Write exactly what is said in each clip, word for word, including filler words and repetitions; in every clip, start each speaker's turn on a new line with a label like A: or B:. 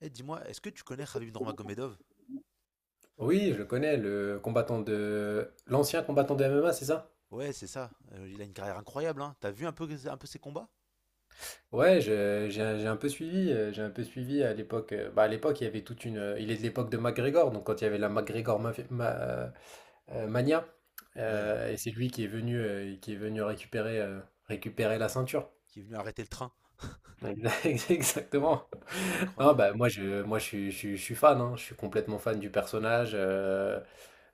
A: Eh, dis-moi, est-ce que tu connais Khabib Nurmagomedov?
B: Oui, je le connais, le combattant de... l'ancien combattant de M M A, c'est ça?
A: Ouais, c'est ça. Euh, il a une carrière incroyable, hein. T'as vu un peu, un peu ses combats?
B: Ouais, je- j'ai un j'ai un peu suivi, euh, j'ai un peu suivi à l'époque. euh, Bah à l'époque, il y avait toute une... euh, Il est de l'époque de McGregor, donc quand il y avait la McGregor Mafia- Ma- euh, euh, Mania,
A: Ouais,
B: euh, et c'est lui qui est venu, euh, qui est venu récupérer, euh, récupérer la ceinture.
A: qui est venu arrêter le train.
B: Exactement. Non,
A: Incroyable.
B: bah moi je, moi je suis, je suis- je suis fan, hein. Je suis complètement fan du personnage. euh,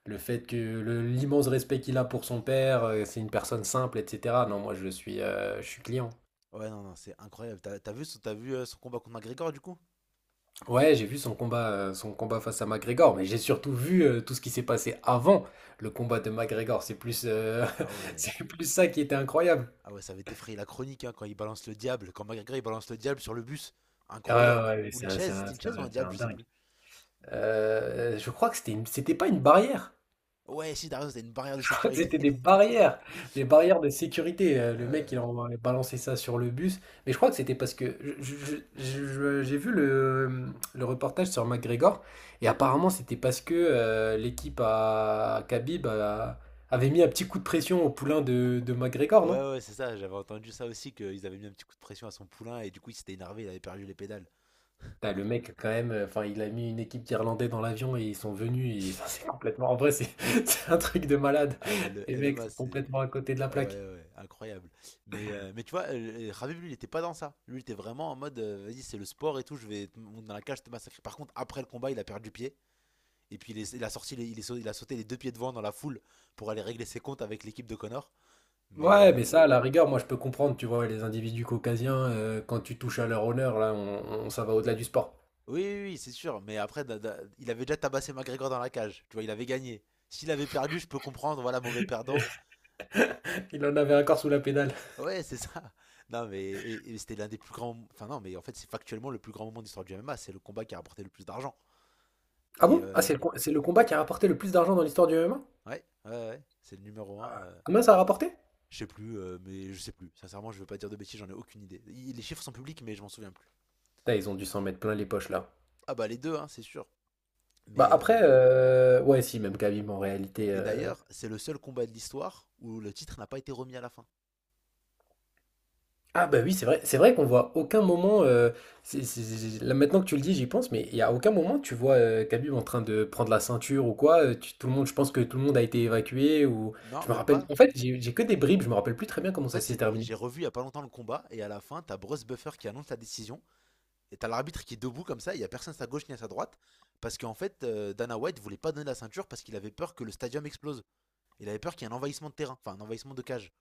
B: Le fait que le- l'immense respect qu'il a pour son père, euh, c'est une personne simple, et cetera. Non, moi je suis, euh, je suis client.
A: Ouais, non, non, c'est incroyable. T'as, t'as vu, son- t'as vu euh, son combat contre McGregor, du coup?
B: Ouais, j'ai vu son combat, euh, son combat face à McGregor, mais j'ai surtout vu euh, tout ce qui s'est passé avant le combat de McGregor. C'est plus, euh,
A: Ah ouais.
B: c'est plus ça qui était incroyable.
A: Ah ouais, ça avait défrayé la chronique, hein, quand il balance le diable. Quand McGregor, il balance le diable sur le bus.
B: Ouais,
A: Incroyable.
B: ouais, mais
A: Ou
B: c'est
A: une
B: un, c'est
A: chaise.
B: un-
A: C'était une
B: c'est
A: chaise ou
B: un-
A: un
B: c'est
A: diable,
B: un
A: je sais
B: dingue.
A: plus.
B: Euh, je crois que c'était une- c'était pas une barrière.
A: Ouais, si, t'as raison, c'était une barrière de sécurité.
B: C'était des barrières, des barrières de sécurité. Euh, Le mec,
A: Euh,
B: il a balancé ça sur le bus. Mais je crois que c'était parce que je- je- je- je- j'ai vu le, le reportage sur McGregor et apparemment c'était parce que euh, l'équipe à Khabib a- avait mis un petit coup de pression au poulain de, de McGregor,
A: Ouais,
B: non?
A: ouais, c'est ça. J'avais entendu ça aussi, qu'ils avaient mis un petit coup de pression à son poulain et du coup, il s'était énervé, il avait perdu les pédales.
B: Putain, le mec, quand même, euh, enfin, il a mis une équipe d'Irlandais dans l'avion et ils sont venus et ça, c'est complètement. En vrai, c'est c'est un truc de malade.
A: Ah mais le
B: Les mecs
A: M M A
B: sont
A: c'est
B: complètement à côté de la
A: ah ouais,
B: plaque.
A: ouais, incroyable. Mais euh, mais tu vois euh, euh, Khabib lui il était pas dans ça. Lui il était vraiment en mode euh, vas-y c'est le sport et tout, je vais te monter dans la cage, je te massacrer. Par contre après le combat il a perdu pied et puis il, est- il a sorti les- il, est sau- il a sauté les deux pieds devant dans la foule pour aller régler ses comptes avec l'équipe de Connor. Mais
B: Ouais,
A: euh,
B: mais ça, à la rigueur, moi je peux comprendre, tu vois, les individus caucasiens, euh, quand tu touches à leur honneur, là, on, on- ça va au-delà du sport.
A: oui, oui, oui, c'est sûr. Mais après da- da- il avait déjà tabassé McGregor dans la cage. Tu vois, il avait gagné. S'il avait perdu, je peux comprendre, voilà, mauvais perdant.
B: Il en avait un corps sous la pédale.
A: Ouais, c'est ça. Non, mais et- et c'était l'un des plus grands. Enfin, non, mais en fait, c'est factuellement le plus grand moment de l'histoire du M M A. C'est le combat qui a rapporté le plus d'argent.
B: Ah
A: Et
B: bon? Ah, c'est
A: euh,
B: le, com- c'est le combat qui a rapporté le plus d'argent dans l'histoire du M M A?
A: ouais, ouais, ouais, c'est le numéro un. euh,
B: Combien ça a rapporté?
A: Je sais plus, euh, mais je sais plus. Sincèrement, je veux pas dire de bêtises, j'en ai aucune idée. Il- Les chiffres sont publics, mais je m'en souviens plus.
B: Putain, ils ont dû s'en mettre plein les poches là.
A: Ah bah les deux, hein, c'est sûr.
B: Bah
A: Mais euh,
B: après, euh, ouais, si, même Khabib en réalité.
A: et
B: Euh,
A: d'ailleurs, c'est le seul combat de l'histoire où le titre n'a pas été remis à la fin.
B: Ah bah oui, c'est vrai, c'est vrai qu'on voit aucun moment, euh, c'est- c'est- c'est- là maintenant que tu le dis, j'y pense, mais il y a aucun moment tu vois euh, Khabib en train de prendre la ceinture ou quoi, euh, tu- tout le monde, je pense que tout le monde a été évacué ou
A: Non,
B: je me
A: même
B: rappelle,
A: pas.
B: en fait j'ai j'ai que des bribes, je me rappelle plus très bien
A: En
B: comment ça
A: fait,
B: s'est
A: c'est-
B: terminé.
A: j'ai revu il y a pas longtemps le combat et à la fin, t'as Bruce Buffer qui annonce la décision. Et t'as l'arbitre qui est debout comme ça, il y a personne à sa gauche ni à sa droite, parce qu'en fait, euh, Dana White voulait pas donner la ceinture parce qu'il avait peur que le stadium explose. Il avait peur qu'il y ait un envahissement de terrain, enfin un envahissement de cage,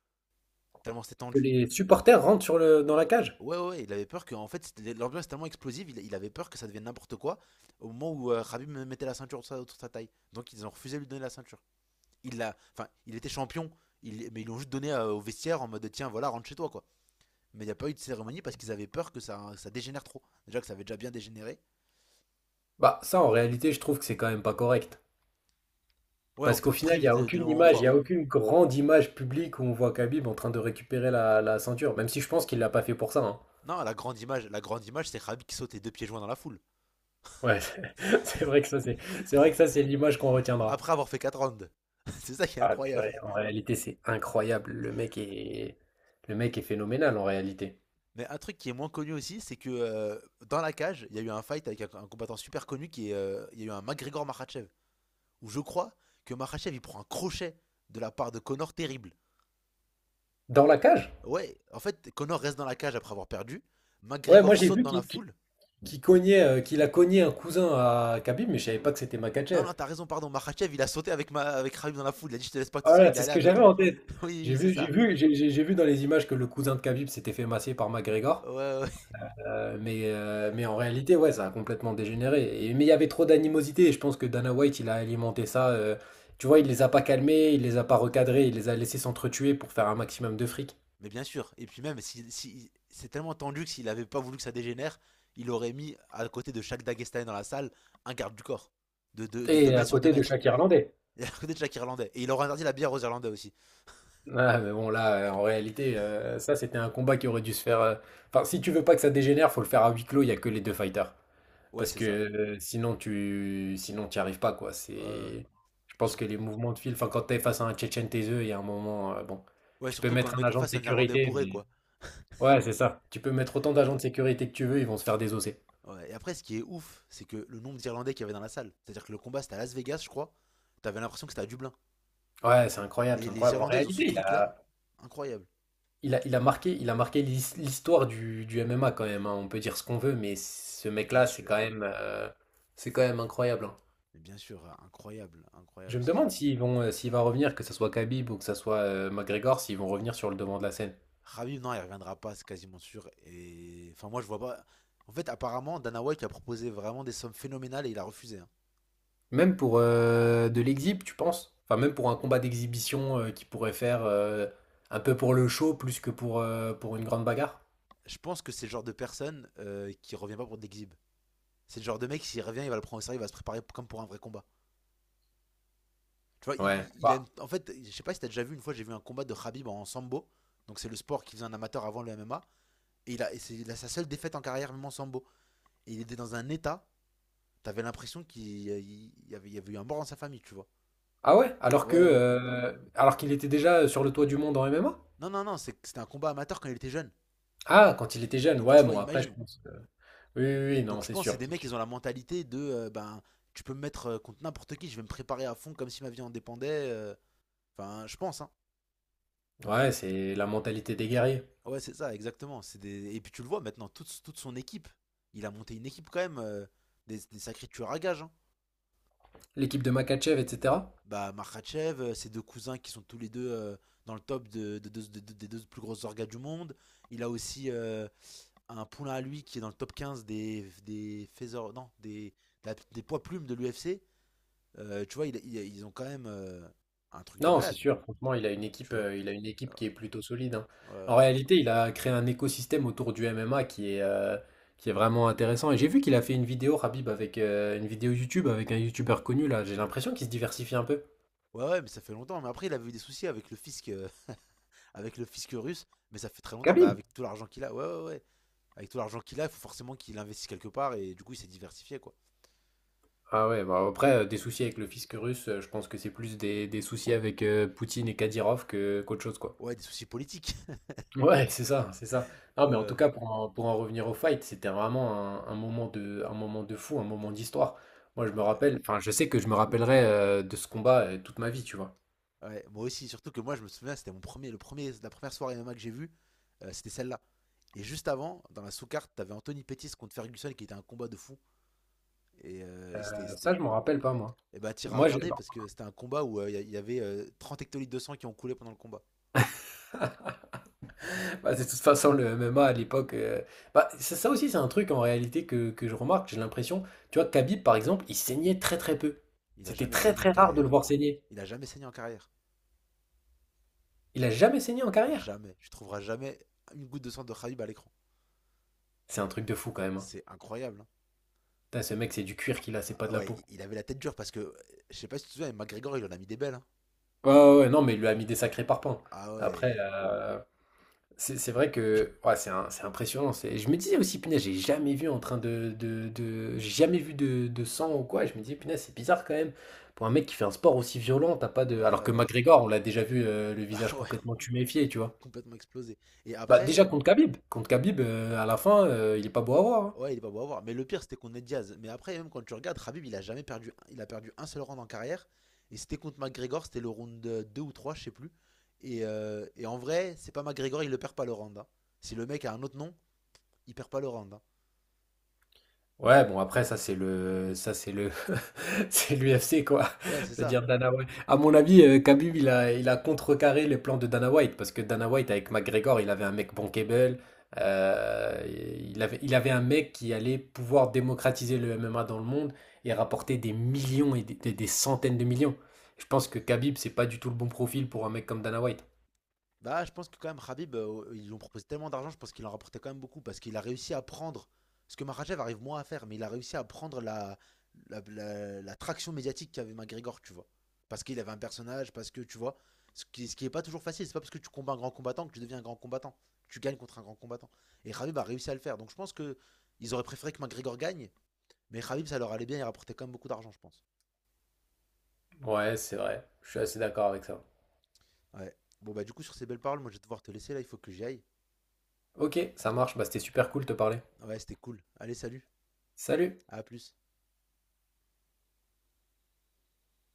A: tellement c'était
B: Que
A: tendu.
B: les supporters rentrent sur le, dans la cage.
A: Ouais, ouais, ouais, il avait peur que, en fait, l'ambiance est tellement explosive, il, il avait peur que ça devienne n'importe quoi au moment où euh, Khabib mettait la ceinture autour sa- autour de sa taille. Donc ils ont refusé de lui donner la ceinture. Il l'a, enfin, il était champion, il- mais ils l'ont juste donné euh, au vestiaire en mode tiens, voilà, rentre chez toi quoi. Mais il n'y a pas eu de cérémonie parce qu'ils avaient peur que ça, ça dégénère trop. Déjà que ça avait déjà bien dégénéré.
B: Bah ça en réalité je trouve que c'est quand même pas correct.
A: Ouais, on
B: Parce
A: te
B: qu'au final il n'y
A: prive
B: a
A: de, de
B: aucune
A: moments
B: image, il n'y a
A: forts.
B: aucune grande image publique où on voit Khabib en train de récupérer la, la ceinture, même si je pense qu'il l'a pas fait pour ça, hein.
A: Non, la grande image, la grande image, c'est Khabib qui saute les deux pieds joints dans la foule.
B: Ouais, c'est vrai que ça c'est, c'est vrai que ça c'est l'image qu'on retiendra.
A: Après avoir fait quatre rounds. C'est ça qui est
B: Ah,
A: incroyable.
B: purée, en réalité, c'est incroyable. Le mec est... Le mec est phénoménal en réalité.
A: Mais un truc qui est moins connu aussi, c'est que euh, dans la cage, il y a eu un fight avec un, un combattant super connu qui est. euh, il y a eu un McGregor Makhachev. Où je crois que Makhachev il prend un crochet de la part de Conor terrible.
B: Dans la cage?
A: Ouais, en fait, Conor reste dans la cage après avoir perdu.
B: Ouais, moi
A: McGregor
B: j'ai
A: saute
B: vu
A: dans la
B: qu'il qu'il-
A: foule.
B: qu'il cognait, euh, qu'il a cogné un cousin à Khabib, mais je savais pas que c'était
A: Non,
B: Makhachev.
A: non, t'as raison, pardon. Makhachev il a sauté avec, ma, avec Khabib dans la foule. Il a dit je te laisse pas tout seul,
B: Voilà,
A: il est
B: c'est ce
A: allé
B: que
A: avec
B: j'avais
A: lui.
B: en tête.
A: Oui,
B: J'ai
A: oui, c'est
B: vu, j'ai
A: ça.
B: vu, j'ai j'ai- j'ai vu dans les images que le cousin de Khabib s'était fait masser par McGregor.
A: Ouais, ouais,
B: Euh, mais, euh, mais en réalité, ouais, ça a complètement dégénéré. Et- mais il y avait trop d'animosité, et je pense que Dana White, il a alimenté ça. Euh, tu vois, il les a pas calmés, il les a pas recadrés, il les a laissés s'entretuer pour faire un maximum de fric.
A: mais bien sûr. Et puis même, si, si- c'est tellement tendu que s'il avait pas voulu que ça dégénère, il aurait mis à côté de chaque Dagestanais dans la salle un garde du corps de deux
B: Et à
A: mètres sur deux
B: côté de
A: mètres.
B: chaque Irlandais.
A: Et à côté de chaque Irlandais. Et il aurait interdit la bière aux Irlandais aussi.
B: Ah, mais bon, là, euh, en réalité, euh, ça, c'était un combat qui aurait dû se faire. Euh, Enfin, si tu veux pas que ça dégénère, faut le faire à huis clos, il n'y a que les deux fighters.
A: Ouais,
B: Parce
A: c'est
B: que
A: ça.
B: euh, sinon, tu sinon, t'y arrives pas, quoi.
A: Ouais, ouais, ouais.
B: C'est... Je pense
A: Sur-
B: que les mouvements de fil, enfin, quand t'es face à un Tchétchène taiseux, il y a un moment, euh, bon,
A: ouais,
B: tu peux
A: surtout quand le
B: mettre un
A: mec en
B: agent de
A: face, c'est un Irlandais
B: sécurité,
A: bourré,
B: mais.
A: quoi.
B: Ouais, c'est ça. Tu peux mettre autant d'agents de sécurité que tu veux, ils vont se faire désosser.
A: Ouais. Et après, ce qui est ouf, c'est que le nombre d'Irlandais qu'il y avait dans la salle. C'est-à-dire que le combat, c'était à Las Vegas, je crois. T'avais l'impression que c'était à Dublin.
B: Ouais, c'est incroyable,
A: Les,
B: c'est
A: les
B: incroyable. En
A: Irlandais, ils ont ce
B: réalité, il
A: truc-là.
B: a.
A: Incroyable.
B: Il a, il a marqué, il a marqué l'his- l'histoire du, du M M A quand même, hein. On peut dire ce qu'on veut, mais ce
A: Mais bien
B: mec-là, c'est
A: sûr.
B: quand même, euh, c'est quand même incroyable, hein.
A: Mais bien sûr, incroyable.
B: Je
A: Incroyable.
B: me
A: Ce qui...
B: demande s'ils vont, euh, s'il va revenir, que ce soit Khabib ou que ce soit euh, McGregor, s'ils vont revenir sur le devant de la scène.
A: Khabib, non, il reviendra pas, c'est quasiment sûr. Et enfin, moi, je vois pas. En fait, apparemment, Dana White a proposé vraiment des sommes phénoménales et il a refusé, hein.
B: Même pour euh, de l'exhib, tu penses? Enfin, même pour un combat d'exhibition euh, qui pourrait faire euh, un peu pour le show plus que pour, euh, pour une grande bagarre.
A: Je pense que c'est le genre de personne euh, qui revient pas pour de l'exhibe. C'est le genre de mec, s'il revient, il va le prendre au sérieux, il va se préparer comme pour un vrai combat. Tu vois,
B: Ouais.
A: il, il- aime.
B: Bah.
A: En fait, je sais pas si t'as déjà vu, une fois, j'ai vu un combat de Khabib en sambo. Donc, c'est le sport qu'il faisait en amateur avant le M M A. Et il a, et c'est il a sa seule défaite en carrière, même en sambo. Et il était dans un état, t'avais l'impression qu'il il y avait, il y avait eu un mort dans sa famille, tu vois.
B: Ah ouais? Alors que,
A: Ouais, ouais.
B: euh, alors qu'il était déjà sur le toit du monde en M M A?
A: Non, non, non, c'est- c'était un combat amateur quand il était jeune.
B: Ah, quand il était jeune.
A: Donc
B: Ouais,
A: tu vois,
B: bon, après, je
A: imagine.
B: pense. Oui, oui, oui, non,
A: Donc je
B: c'est
A: pense que c'est
B: sûr,
A: des
B: c'est
A: mecs,
B: sûr.
A: ils ont la mentalité de euh, ben tu peux me mettre euh, contre n'importe qui, je vais me préparer à fond comme si ma vie en dépendait. euh. Enfin, je pense, hein.
B: Ouais, c'est la mentalité des guerriers.
A: Ouais, c'est ça, exactement. C'est des... Et puis tu le vois maintenant, toute, toute son équipe. Il a monté une équipe quand même, euh, des, des sacrés tueurs à gages, hein.
B: L'équipe de Makachev, et cetera.
A: Bah, Makhachev, euh, ses deux cousins qui sont tous les deux euh, dans le top de, de- de- de- de- des deux plus grosses orgas du monde. Il a aussi euh, un poulain à lui qui est dans le top quinze des, des, faiseurs- non, des, de la- des poids plumes de l'U F C. Euh, tu vois, il- il- ils ont quand même euh, un truc de
B: Non, c'est
A: malade,
B: sûr. Franchement, il a une équipe,
A: tu vois.
B: euh, il a une
A: Ouais,
B: équipe qui est plutôt solide, hein. En
A: ouais.
B: réalité, il a créé un écosystème autour du M M A qui est, euh, qui est vraiment intéressant. Et j'ai vu qu'il a fait une vidéo, Khabib, avec euh, une vidéo YouTube avec un YouTuber connu là. J'ai l'impression qu'il se diversifie un peu.
A: Ouais, ouais, ouais, mais ça fait longtemps. Mais après, il avait eu des soucis avec le fisc, euh, avec le fisc russe. Mais ça fait très longtemps. Bah,
B: Khabib?
A: avec tout l'argent qu'il a, ouais, ouais, ouais. Avec tout l'argent qu'il a, il faut forcément qu'il investisse quelque part. Et du coup, il s'est diversifié, quoi.
B: Ah ouais, bah après, euh, des soucis avec le fisc russe, euh, je pense que c'est plus des, des soucis avec euh, Poutine et Kadyrov que qu'autre chose, quoi.
A: Ouais, des soucis politiques.
B: Ouais, c'est ça, c'est ça.
A: Ouais,
B: Non, mais en tout
A: ouais.
B: cas, pour en, pour en revenir au fight, c'était vraiment un, un moment de, un moment de fou, un moment d'histoire. Moi, je
A: Ah
B: me
A: ouais.
B: rappelle, enfin, je sais que je me rappellerai euh, de ce combat euh, toute ma vie, tu vois.
A: Ouais, moi aussi. Surtout que moi, je me souviens, c'était mon premier, le premier, la première soirée M M A que j'ai vue. Euh, c'était celle-là. Et juste avant, dans la sous-carte, t'avais Anthony Pettis contre Ferguson qui était un combat de fou. Et, euh, et c'était,
B: Euh, ça,
A: c'était
B: je m'en rappelle pas, moi.
A: Et bah, t'iras
B: Moi, j'ai-
A: regarder parce que c'était un combat où euh, il y a- il y avait euh, trente hectolitres de sang qui ont coulé pendant le combat.
B: bah, de toute façon, le M M A à l'époque, euh, bah, ça, ça aussi, c'est un truc en réalité que, que je remarque. J'ai l'impression, tu vois, Khabib, par exemple, il saignait très très peu.
A: Il a
B: C'était
A: jamais
B: très
A: saigné en
B: très rare de le
A: carrière.
B: voir saigner.
A: Il a jamais saigné en carrière.
B: Il a jamais saigné en carrière.
A: Jamais. Tu trouveras jamais une goutte de sang de Khabib à l'écran.
B: C'est un truc de fou quand même, hein.
A: C'est incroyable, hein.
B: Putain, ce mec, c'est du cuir qu'il a, c'est pas de
A: Ah
B: la
A: ouais,
B: peau.
A: il- il avait la tête dure parce que, euh, je sais pas si tu te souviens, mais McGregor, il en a mis des belles, hein.
B: Ouais, ouais, ouais, non, mais il lui a mis des sacrés parpaings.
A: Ah
B: Après,
A: ouais.
B: euh, c'est c'est vrai que ouais, c'est un- c'est impressionnant. c'est- Je me disais aussi, punaise, j'ai jamais vu en train de, de, de- j'ai jamais vu de, de sang ou quoi. Je me disais, punaise, c'est bizarre quand même. Pour un mec qui fait un sport aussi violent, t'as pas
A: Ouais,
B: de. Alors que
A: ouais.
B: McGregor, on l'a déjà vu euh, le visage
A: Ah ouais.
B: complètement tuméfié,
A: Et
B: tu vois.
A: complètement explosé. Et
B: Bah
A: après,
B: déjà contre Khabib, contre Khabib, euh, à la fin, euh, il est pas beau à voir, hein.
A: ouais, il est pas beau à voir. Mais le pire, c'était contre Ned Diaz. Mais après, même quand tu regardes, Khabib, il a jamais perdu. Il a perdu un seul round en carrière. Et c'était contre McGregor, c'était le round deux ou trois, je sais plus. Et, euh, et en vrai, c'est pas McGregor, il le perd pas le round, hein. Si le mec a un autre nom, il perd pas le round, hein.
B: Ouais, bon après ça c'est le ça c'est le c'est l'U F C quoi,
A: Ouais,
B: je
A: c'est
B: veux
A: ça.
B: dire Dana White. À mon avis, euh, Khabib il a il a contrecarré les plans de Dana White parce que Dana White avec McGregor, il avait un mec bankable, euh, il avait il avait un mec qui allait pouvoir démocratiser le M M A dans le monde et rapporter des millions et des, des- des centaines de millions. Je pense que Khabib c'est pas du tout le bon profil pour un mec comme Dana White.
A: Bah, je pense que quand même, Khabib, euh, oh, ils lui ont proposé tellement d'argent, je pense qu'il en rapportait quand même beaucoup parce qu'il a réussi à prendre ce que Makhachev arrive moins à faire, mais il a réussi à prendre la, la, la- la traction médiatique qu'avait McGregor, tu vois. Parce qu'il avait un personnage, parce que tu vois, ce qui, ce qui est pas toujours facile, c'est pas parce que tu combats un grand combattant que tu deviens un grand combattant, que tu gagnes contre un grand combattant. Et Khabib a réussi à le faire, donc je pense que ils auraient préféré que McGregor gagne, mais Khabib ça leur allait bien, il rapportait quand même beaucoup d'argent, je pense.
B: Ouais, c'est vrai. Je suis assez d'accord avec ça.
A: Ouais. Bon bah du coup sur ces belles paroles, moi je vais devoir te laisser là, il faut que j'y aille.
B: OK, ça marche, bah c'était super cool de te parler.
A: Ouais, c'était cool. Allez, salut,
B: Salut.
A: à plus.